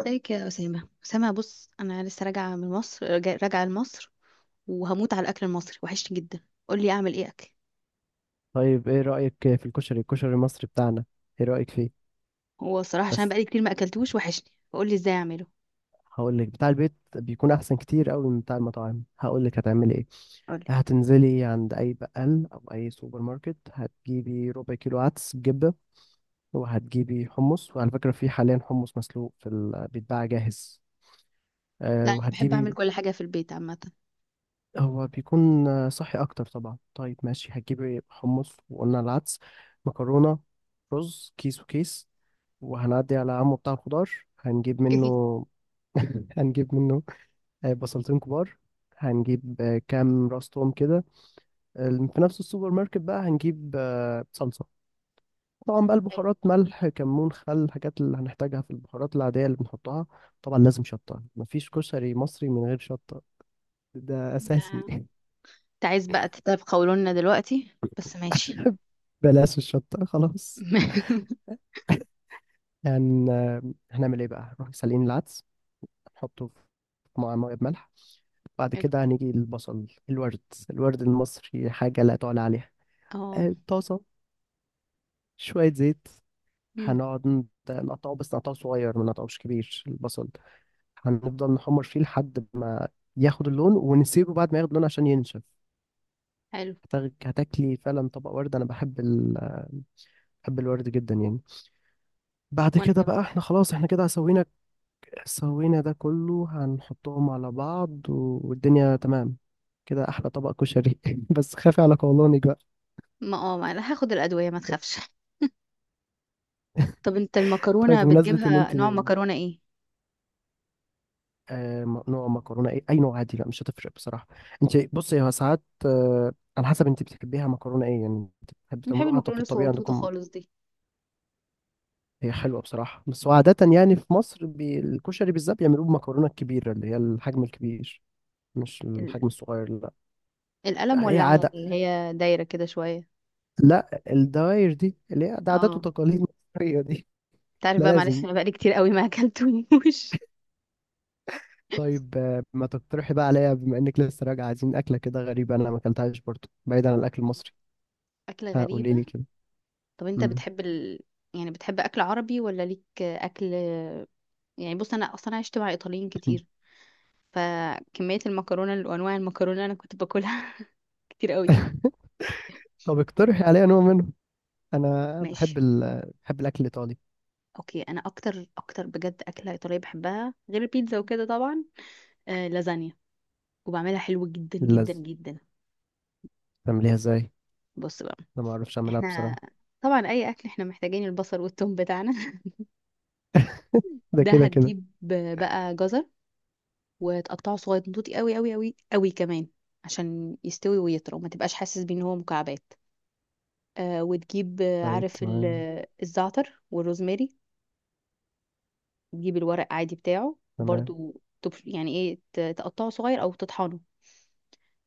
ازيك يا أسامة. أسامة بص، أنا لسه راجعة من مصر. راجعة لمصر وهموت على الأكل المصري، وحشني جدا. قولي أعمل إيه أكل. طيب، ايه رأيك في الكشري المصري بتاعنا؟ ايه رأيك فيه؟ هو الصراحة عشان بس بقالي كتير ما أكلتوش وحشني، فقولي إزاي أعمله. هقول لك، بتاع البيت بيكون احسن كتير قوي من بتاع المطاعم. هقول لك هتعملي ايه. قولي. هتنزلي عند اي بقال او اي سوبر ماركت، هتجيبي ربع كيلو عدس بجبة، وهتجيبي حمص. وعلى فكرة، في حاليا حمص مسلوق بيتباع جاهز. لا، أنا بحب أعمل وهتجيبي. كل حاجة في البيت عامة. هو بيكون صحي اكتر طبعا. طيب، ماشي. هتجيبي حمص، وقلنا العدس، مكرونة، رز، كيس وكيس. وهنعدي على عمو بتاع الخضار هنجيب منه. هنجيب منه بصلتين كبار. هنجيب كام راس توم كده. آه، في نفس السوبر ماركت بقى هنجيب صلصة. طبعا بقى حلو. البهارات، ملح، كمون، خل، الحاجات اللي هنحتاجها في البهارات العادية اللي بنحطها. طبعا لازم شطة، مفيش كشري مصري من غير شطة. ده ده- أساسي. أنت عايز بقى تطيب قولولنا دلوقتي، بس ماشي. بلاش الشطة خلاص. يعني، هنعمل ايه بقى؟ نروح سالقين العدس، نحطه في مع ميه بملح. بعد حلو. كده هنيجي البصل الورد. الورد المصري حاجة لا تعلى عليها. اه. طاسة، شوية زيت. أمم، هنقعد نقطعه، بس نقطعه صغير، ما نقطعوش كبير البصل. هنفضل نحمر فيه لحد ما ياخد اللون، ونسيبه بعد ما ياخد اللون عشان ينشف. حلو. هتاكلي فعلا طبق ورد. بحب الورد جدا يعني. بعد وأنا كده بقى كمان. احنا خلاص، احنا كده سوينا. سوينا ده كله، هنحطهم على بعض والدنيا تمام. كده احلى طبق كشري. بس خافي على قولونك بقى. ما أنا هاخد الأدوية، ما تخافش. طب أنت طيب، المكرونة بمناسبة إن بتجيبها أنت، نوع مكرونة إيه؟ نوع مكرونة إيه؟ أي نوع عادي، لا مش هتفرق بصراحة. أنت بصي، هو ساعات على حسب أنت بتحبيها مكرونة إيه يعني. أنت بتحبي أنا بحب تعملوها طب في المكرونة الطبيعة الصغنطوطة عندكم؟ خالص. هي حلوة بصراحة، بس هو عادة يعني في مصر الكشري بالذات بيعملوه بمكرونة الكبيرة، اللي هي الحجم الكبير، مش دي الحجم الصغير لا. القلم، هي ولا على عادة. اللي هي دايرة كده شوية؟ لا، الدواير دي اللي هي ده عادات اه. وتقاليد مصرية دي. تعرف لا بقى معلش، لازم. انا بقالي كتير قوي ما اكلتوش. طيب، ما تقترحي بقى عليا، بما إنك لسه راجعة، عايزين أكلة كده غريبة، أنا ما أكلتهاش برضه، بعيد عن الأكل المصري. أكلة ها، قولي غريبة. لي كده. طب انت مم. بتحب يعني بتحب أكل عربي ولا ليك أكل؟ يعني بص، أنا أصلا عشت مع إيطاليين كتير، فكمية المكرونة وأنواع المكرونة اللي أنا كنت باكلها كتير قوي. طب اقترحي عليا نوع منه. انا بحب ماشي. ال... بحب الاكل الايطالي. أوكي، أنا أكتر أكتر بجد أكلة إيطالية بحبها غير البيتزا وكده طبعا، آه، لازانيا. وبعملها حلو جدا جدا اللذ، جدا. تعمليها ازاي؟ بص بقى، انا ما اعرفش اعملها احنا بصراحه. طبعا اي اكل احنا محتاجين البصل والثوم بتاعنا. ده ده كده كده. هتجيب بقى جزر وتقطعه صغير، نضوطي قوي قوي قوي قوي كمان، عشان يستوي ويطرى وما تبقاش حاسس بيه ان هو مكعبات. آه وتجيب، طيب، عارف تمام. الزعتر والروزماري. تجيب الورق عادي بتاعه تمام. وبرده، يعني ايه تقطعه صغير او تطحنه.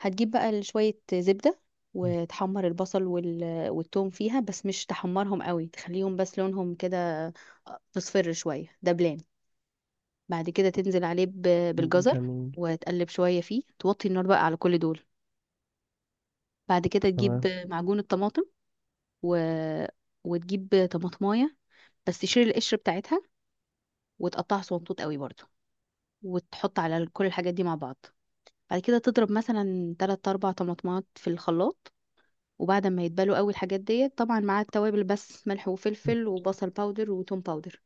هتجيب بقى شوية زبدة وتحمر البصل والثوم فيها، بس مش تحمرهم قوي، تخليهم بس لونهم كده تصفر شوية دبلان. بعد كده تنزل عليه بالجزر جميل. وتقلب شوية فيه، توطي النار بقى على كل دول. بعد كده تجيب تمام. معجون الطماطم و... وتجيب طماطماية، بس تشيل القشر بتاعتها وتقطعها صغنطوط قوي برضو، وتحط على كل الحاجات دي مع بعض. بعد كده تضرب مثلا 3 4 طماطمات في الخلاط، وبعد ما يتبلوا قوي الحاجات ديت طبعا مع التوابل بس ملح وفلفل وبصل باودر وتوم باودر،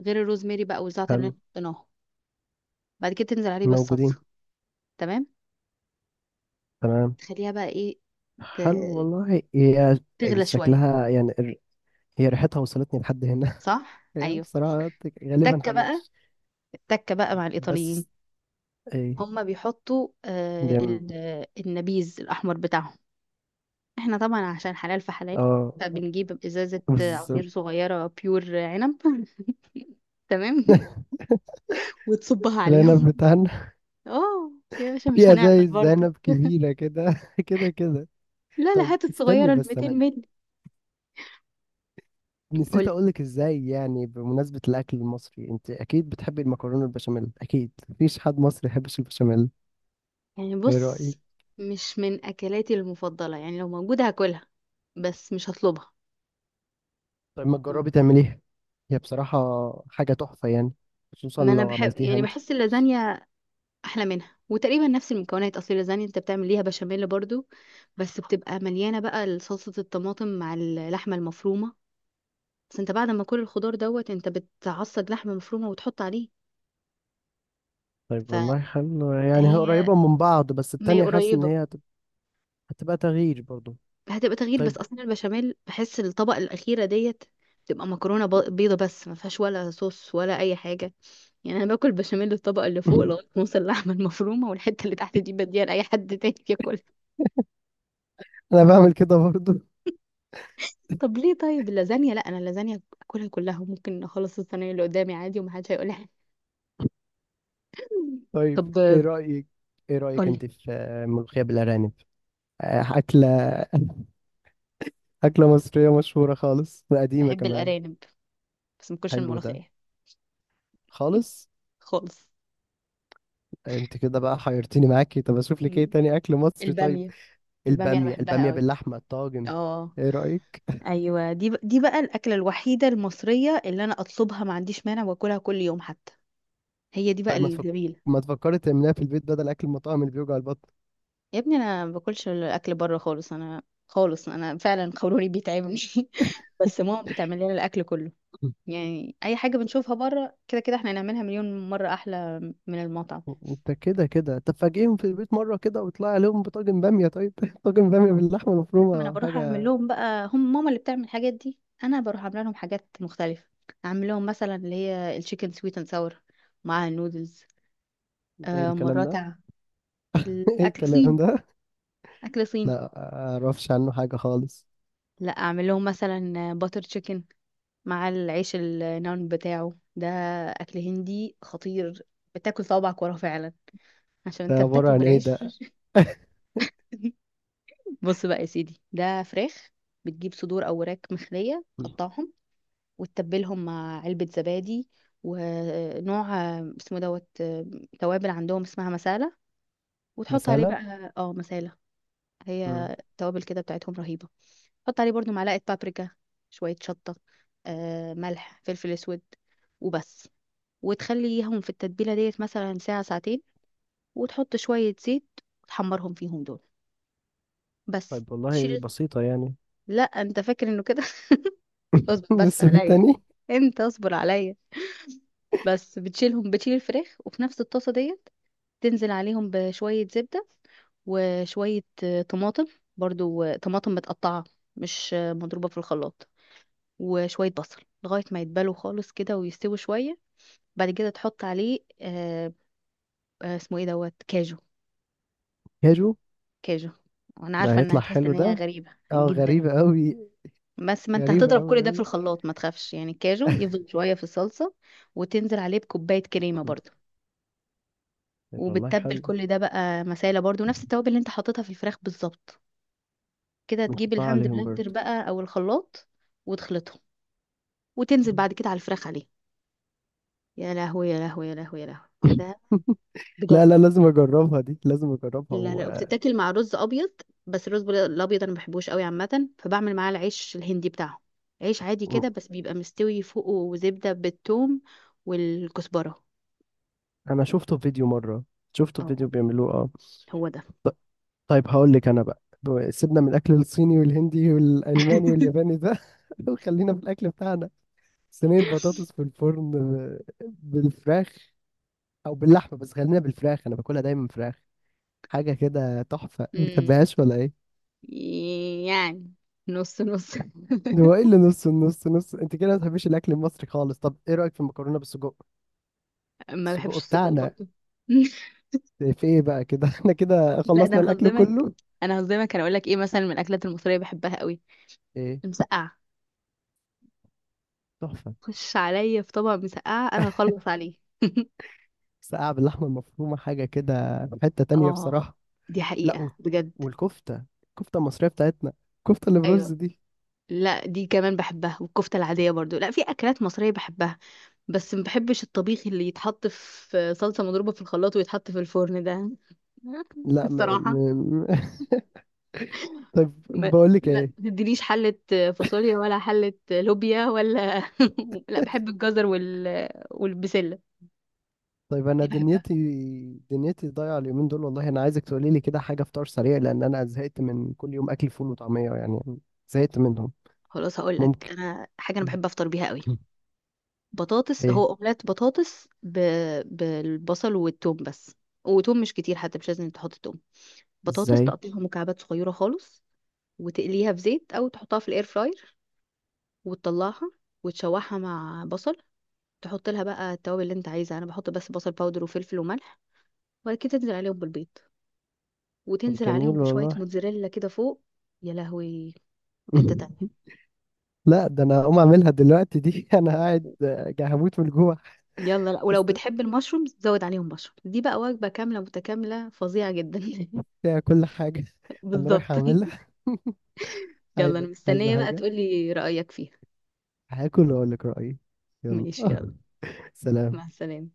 غير الروزماري بقى والزعتر اللي حلو. إحنا حطيناهم. بعد كده تنزل عليه موجودين. بالصلصة. تمام. تمام. تخليها بقى ايه، ت- حلو والله. هي تغلى شوية. شكلها يعني هي ريحتها وصلتني لحد هنا. صح، هي ايوه. بصراحه غالبا التكة حلوه. بقى، التكة بقى مع الايطاليين، بس ايه؟ هما بيحطوا بيعمل. النبيذ الاحمر بتاعهم. احنا طبعا عشان حلال فحلال، اه، فبنجيب ازازة بالظبط. عصير صغيرة بيور عنب. تمام. وتصبها العنب عليهم. بتاعنا. اه. يا باشا، مش في هنعطل ازايز برضه. ذنب كبيرة كده. كده كده. لا لا، طيب، هات استني الصغيرة ال بس، 200 انا مللي. نسيت قولي. اقولك ازاي، يعني بمناسبة الاكل المصري، انت اكيد بتحبي المكرونة البشاميل، اكيد مفيش حد مصري يحبش البشاميل. يعني ايه بص، رأيك؟ مش من اكلاتي المفضلة، يعني لو موجودة هاكلها بس مش هطلبها. طيب، ما تجربي تعمليها. هي بصراحة حاجة تحفة يعني، خصوصا ما انا لو بحب عملتيها يعني انت. بحس اللازانيا احلى منها، وتقريبا نفس المكونات. اصل اللازانيا انت بتعمل ليها بشاميل برضو، بس بتبقى مليانه بقى صلصه الطماطم مع اللحمه المفرومه، بس انت بعد ما كل الخضار دوت انت بتعصج لحمه مفرومه وتحط عليه. طيب والله حلو يعني، هي فهي قريبة من بعض، بس ما هي التانية حاسس ان قريبه. هي هتبقى تغيير برضو. هتبقى تغيير بس طيب. اصلا البشاميل بحس الطبقه الاخيره ديت بتبقى مكرونه بيضه بس ما فيهاش ولا صوص ولا اي حاجه، يعني انا باكل بشاميل الطبقه اللي فوق لغايه ما اوصل اللحمه المفرومه، والحته اللي تحت دي بديها لاي حد تاني ياكل. انا بعمل كده برضو. طب ليه؟ طيب اللازانيا لا، انا اللازانيا اكلها كلها، ممكن اخلص الصينيه اللي قدامي عادي ومحدش هيقول لي حاجه. طيب، طب. ايه رأيك؟ ايه رأيك قولي. انت في ملوخية بالارانب؟ أكلة أكلة مصرية مشهورة خالص، وقديمة بحب كمان. الارانب بس ما باكلش حلو ده، الملوخيه. خالص. خالص. انت كده بقى حيرتيني معاكي. طب اشوف لك ايه مم. تاني اكل مصري. طيب، الباميه. الباميه انا البامية بحبها البامية قوي. باللحمة، الطاجن. اه. ايه رأيك؟ ايوه، دي دي بقى الاكله الوحيده المصريه اللي انا اطلبها، ما عنديش مانع واكلها كل يوم حتى. هي دي بقى طيب، الجميله. ما تفكري تعمليها في البيت، بدل اكل المطاعم اللي بيوجع البطن. يا ابني، انا ما باكلش الاكل بره خالص. انا خالص، انا فعلا قولوني بيتعبني. بس ماما بتعمل لنا الاكل كله. يعني اي حاجه بنشوفها بره كده كده احنا هنعملها مليون مره احلى من المطعم. انت كده كده، طب فاجئهم في البيت مرة كده، وطلع عليهم بطاجن بامية طيب. طاجن بامية باللحمة ما انا المفرومة، بروح اعمل حاجة. لهم بقى، هم ماما اللي بتعمل الحاجات دي، انا بروح اعمل لهم حاجات مختلفه. اعمل لهم مثلا اللي هي التشيكن سويت اند ساور مع النودلز. ايه آه الكلام مرات ده؟ أع- ايه الاكل الكلام صيني. ده؟ اكل صيني. لا اعرفش عنه حاجة خالص. لا، اعمل لهم مثلا باتر تشيكن مع العيش النان بتاعه ده. اكل هندي خطير، بتاكل صوابعك وراه فعلا، عشان ده انت عبارة بتاكله عن ايه بالعيش. ده؟ بص بقى يا سيدي، ده فراخ. بتجيب صدور او وراك مخليه تقطعهم وتتبلهم مع علبه زبادي. ونوع اسمه دوت توابل عندهم اسمها مسالة. وتحط عليه مثلا. بقى اه مسالة. مم. هي توابل كده بتاعتهم رهيبة. حط عليه برضو معلقة بابريكا، شوية شطة، ملح فلفل اسود وبس. وتخليهم في التتبيلة ديت مثلا ساعة ساعتين. وتحط شوية زيت وتحمرهم فيهم دول. بس طيب والله تشيل. بسيطة يعني. لا، انت فاكر انه كده؟ اصبر بس لسه في عليا، تاني؟ انت اصبر عليا. بس بتشيلهم، بتشيل الفراخ، وفي نفس الطاسه ديت تنزل عليهم بشويه زبده وشويه طماطم برضو، طماطم متقطعه مش مضروبه في الخلاط، وشويه بصل لغايه ما يتبلوا خالص كده ويستوي شويه. بعد كده تحط عليه آه، اسمه ايه دوت كاجو. كاجو. كاجو. انا ده عارفه انها هيطلع هتحس حلو ان هي ده. غريبه اه، جدا، غريبة أوي. بس ما انت غريبة هتضرب كل أوي ده في أوي. الخلاط ما تخافش، يعني الكاجو يفضل شويه في الصلصه. وتنزل عليه بكوبايه كريمه مم. برضو. طيب والله وبتتبل حلو. كل ده بقى مسالة برضو، نفس التوابل اللي انت حاططها في الفراخ بالظبط. كده تجيب نحطها الهاند عليهم بلندر برضه. بقى او الخلاط وتخلطهم، وتنزل مم. بعد كده على الفراخ عليه. يا لهوي يا لهوي يا لهوي يا لهوي. ده بجد. لا لا، لازم أجربها دي، لازم أجربها لا لا، وبتتاكل مع رز ابيض، بس الرز الابيض انا ما بحبوش قوي عامه، فبعمل معاه العيش الهندي بتاعهم. عيش عادي كده مم. بس بيبقى مستوي فوقه زبده بالثوم والكزبره. أنا شفته في فيديو مرة. شفته في اه، فيديو بيعملوه، اه. هو ده. طيب هقول لك أنا بقى، سيبنا من الأكل الصيني والهندي والألماني والياباني ده. وخلينا في الأكل بتاعنا. صينية بطاطس في الفرن بالفراخ، أو باللحمة، بس خلينا بالفراخ، أنا باكلها دايما فراخ. حاجة كده تحفة، ما مم. بتحبهاش ولا ايه؟ يعني نص نص. هو ايه اللي نص النص نص؟ انت كده ما بتحبيش الاكل المصري خالص. طب ايه رأيك في المكرونة بالسجق؟ ما بحبش السجق السجق بتاعنا. برضه. في ايه بقى كده؟ احنا كده لا، ده خلصنا انا الاكل هصدمك، كله. انا هصدمك. انا اقول لك ايه مثلا من الاكلات المصريه بحبها قوي: ايه، المسقعه. تحفة. خش عليا في طبق مسقعه انا هخلص عليه. ساقعة باللحمة المفرومة، حاجة كده، في حتة تانية اه، بصراحة. دي لا، حقيقه بجد. والكفتة المصرية بتاعتنا، الكفتة اللي برز ايوه، دي. لا دي كمان بحبها، والكفته العاديه برضو. لا في اكلات مصريه بحبها، بس ما بحبش الطبيخ اللي يتحط في صلصه مضروبه في الخلاط ويتحط في الفرن ده. لا الصراحه. طب ما... بقول لك لا ايه. ما تديليش حلة فاصوليا ولا حلة لوبيا ولا لا بحب الجزر والبسلة، طيب انا دي بحبها. دنيتي دنيتي ضايعه اليومين دول والله، انا عايزك تقولي لي كده حاجه فطار سريع، لان انا زهقت من كل يوم اكل فول وطعميه يعني، زهقت منهم. خلاص هقول لك، ممكن؟ انا حاجة انا بحب افطر بيها قوي. بطاطس، ايه؟ هو اومليت بطاطس بالبصل والثوم بس. وتوم مش كتير حتى، مش لازم تحط توم. بطاطس ازاي؟ تقطعها مكعبات صغيرة خالص، وتقليها في زيت او تحطها في الاير فراير، وتطلعها وتشوحها مع بصل. تحط لها بقى التوابل اللي انت عايزها، انا بحط بس بصل باودر وفلفل وملح. وبعد كده تنزل عليهم بالبيض، طب وتنزل عليهم جميل بشوية والله. موتزاريلا كده فوق. يا لهوي. حتة تانية. لا ده انا هقوم اعملها دلوقتي دي. انا قاعد هموت من الجوع. يلا، لا ولو بس بتحب المشروم زود عليهم مشروم، دي بقى وجبة كاملة متكاملة فظيعة جدا. فيها كل حاجه. انا رايح بالظبط. اعملها. يلا انا عايزه مستنية بقى حاجه؟ تقولي رأيك فيها. هاكل واقول لك رايي. يلا. ماشي، يلا. مع سلام. السلامة.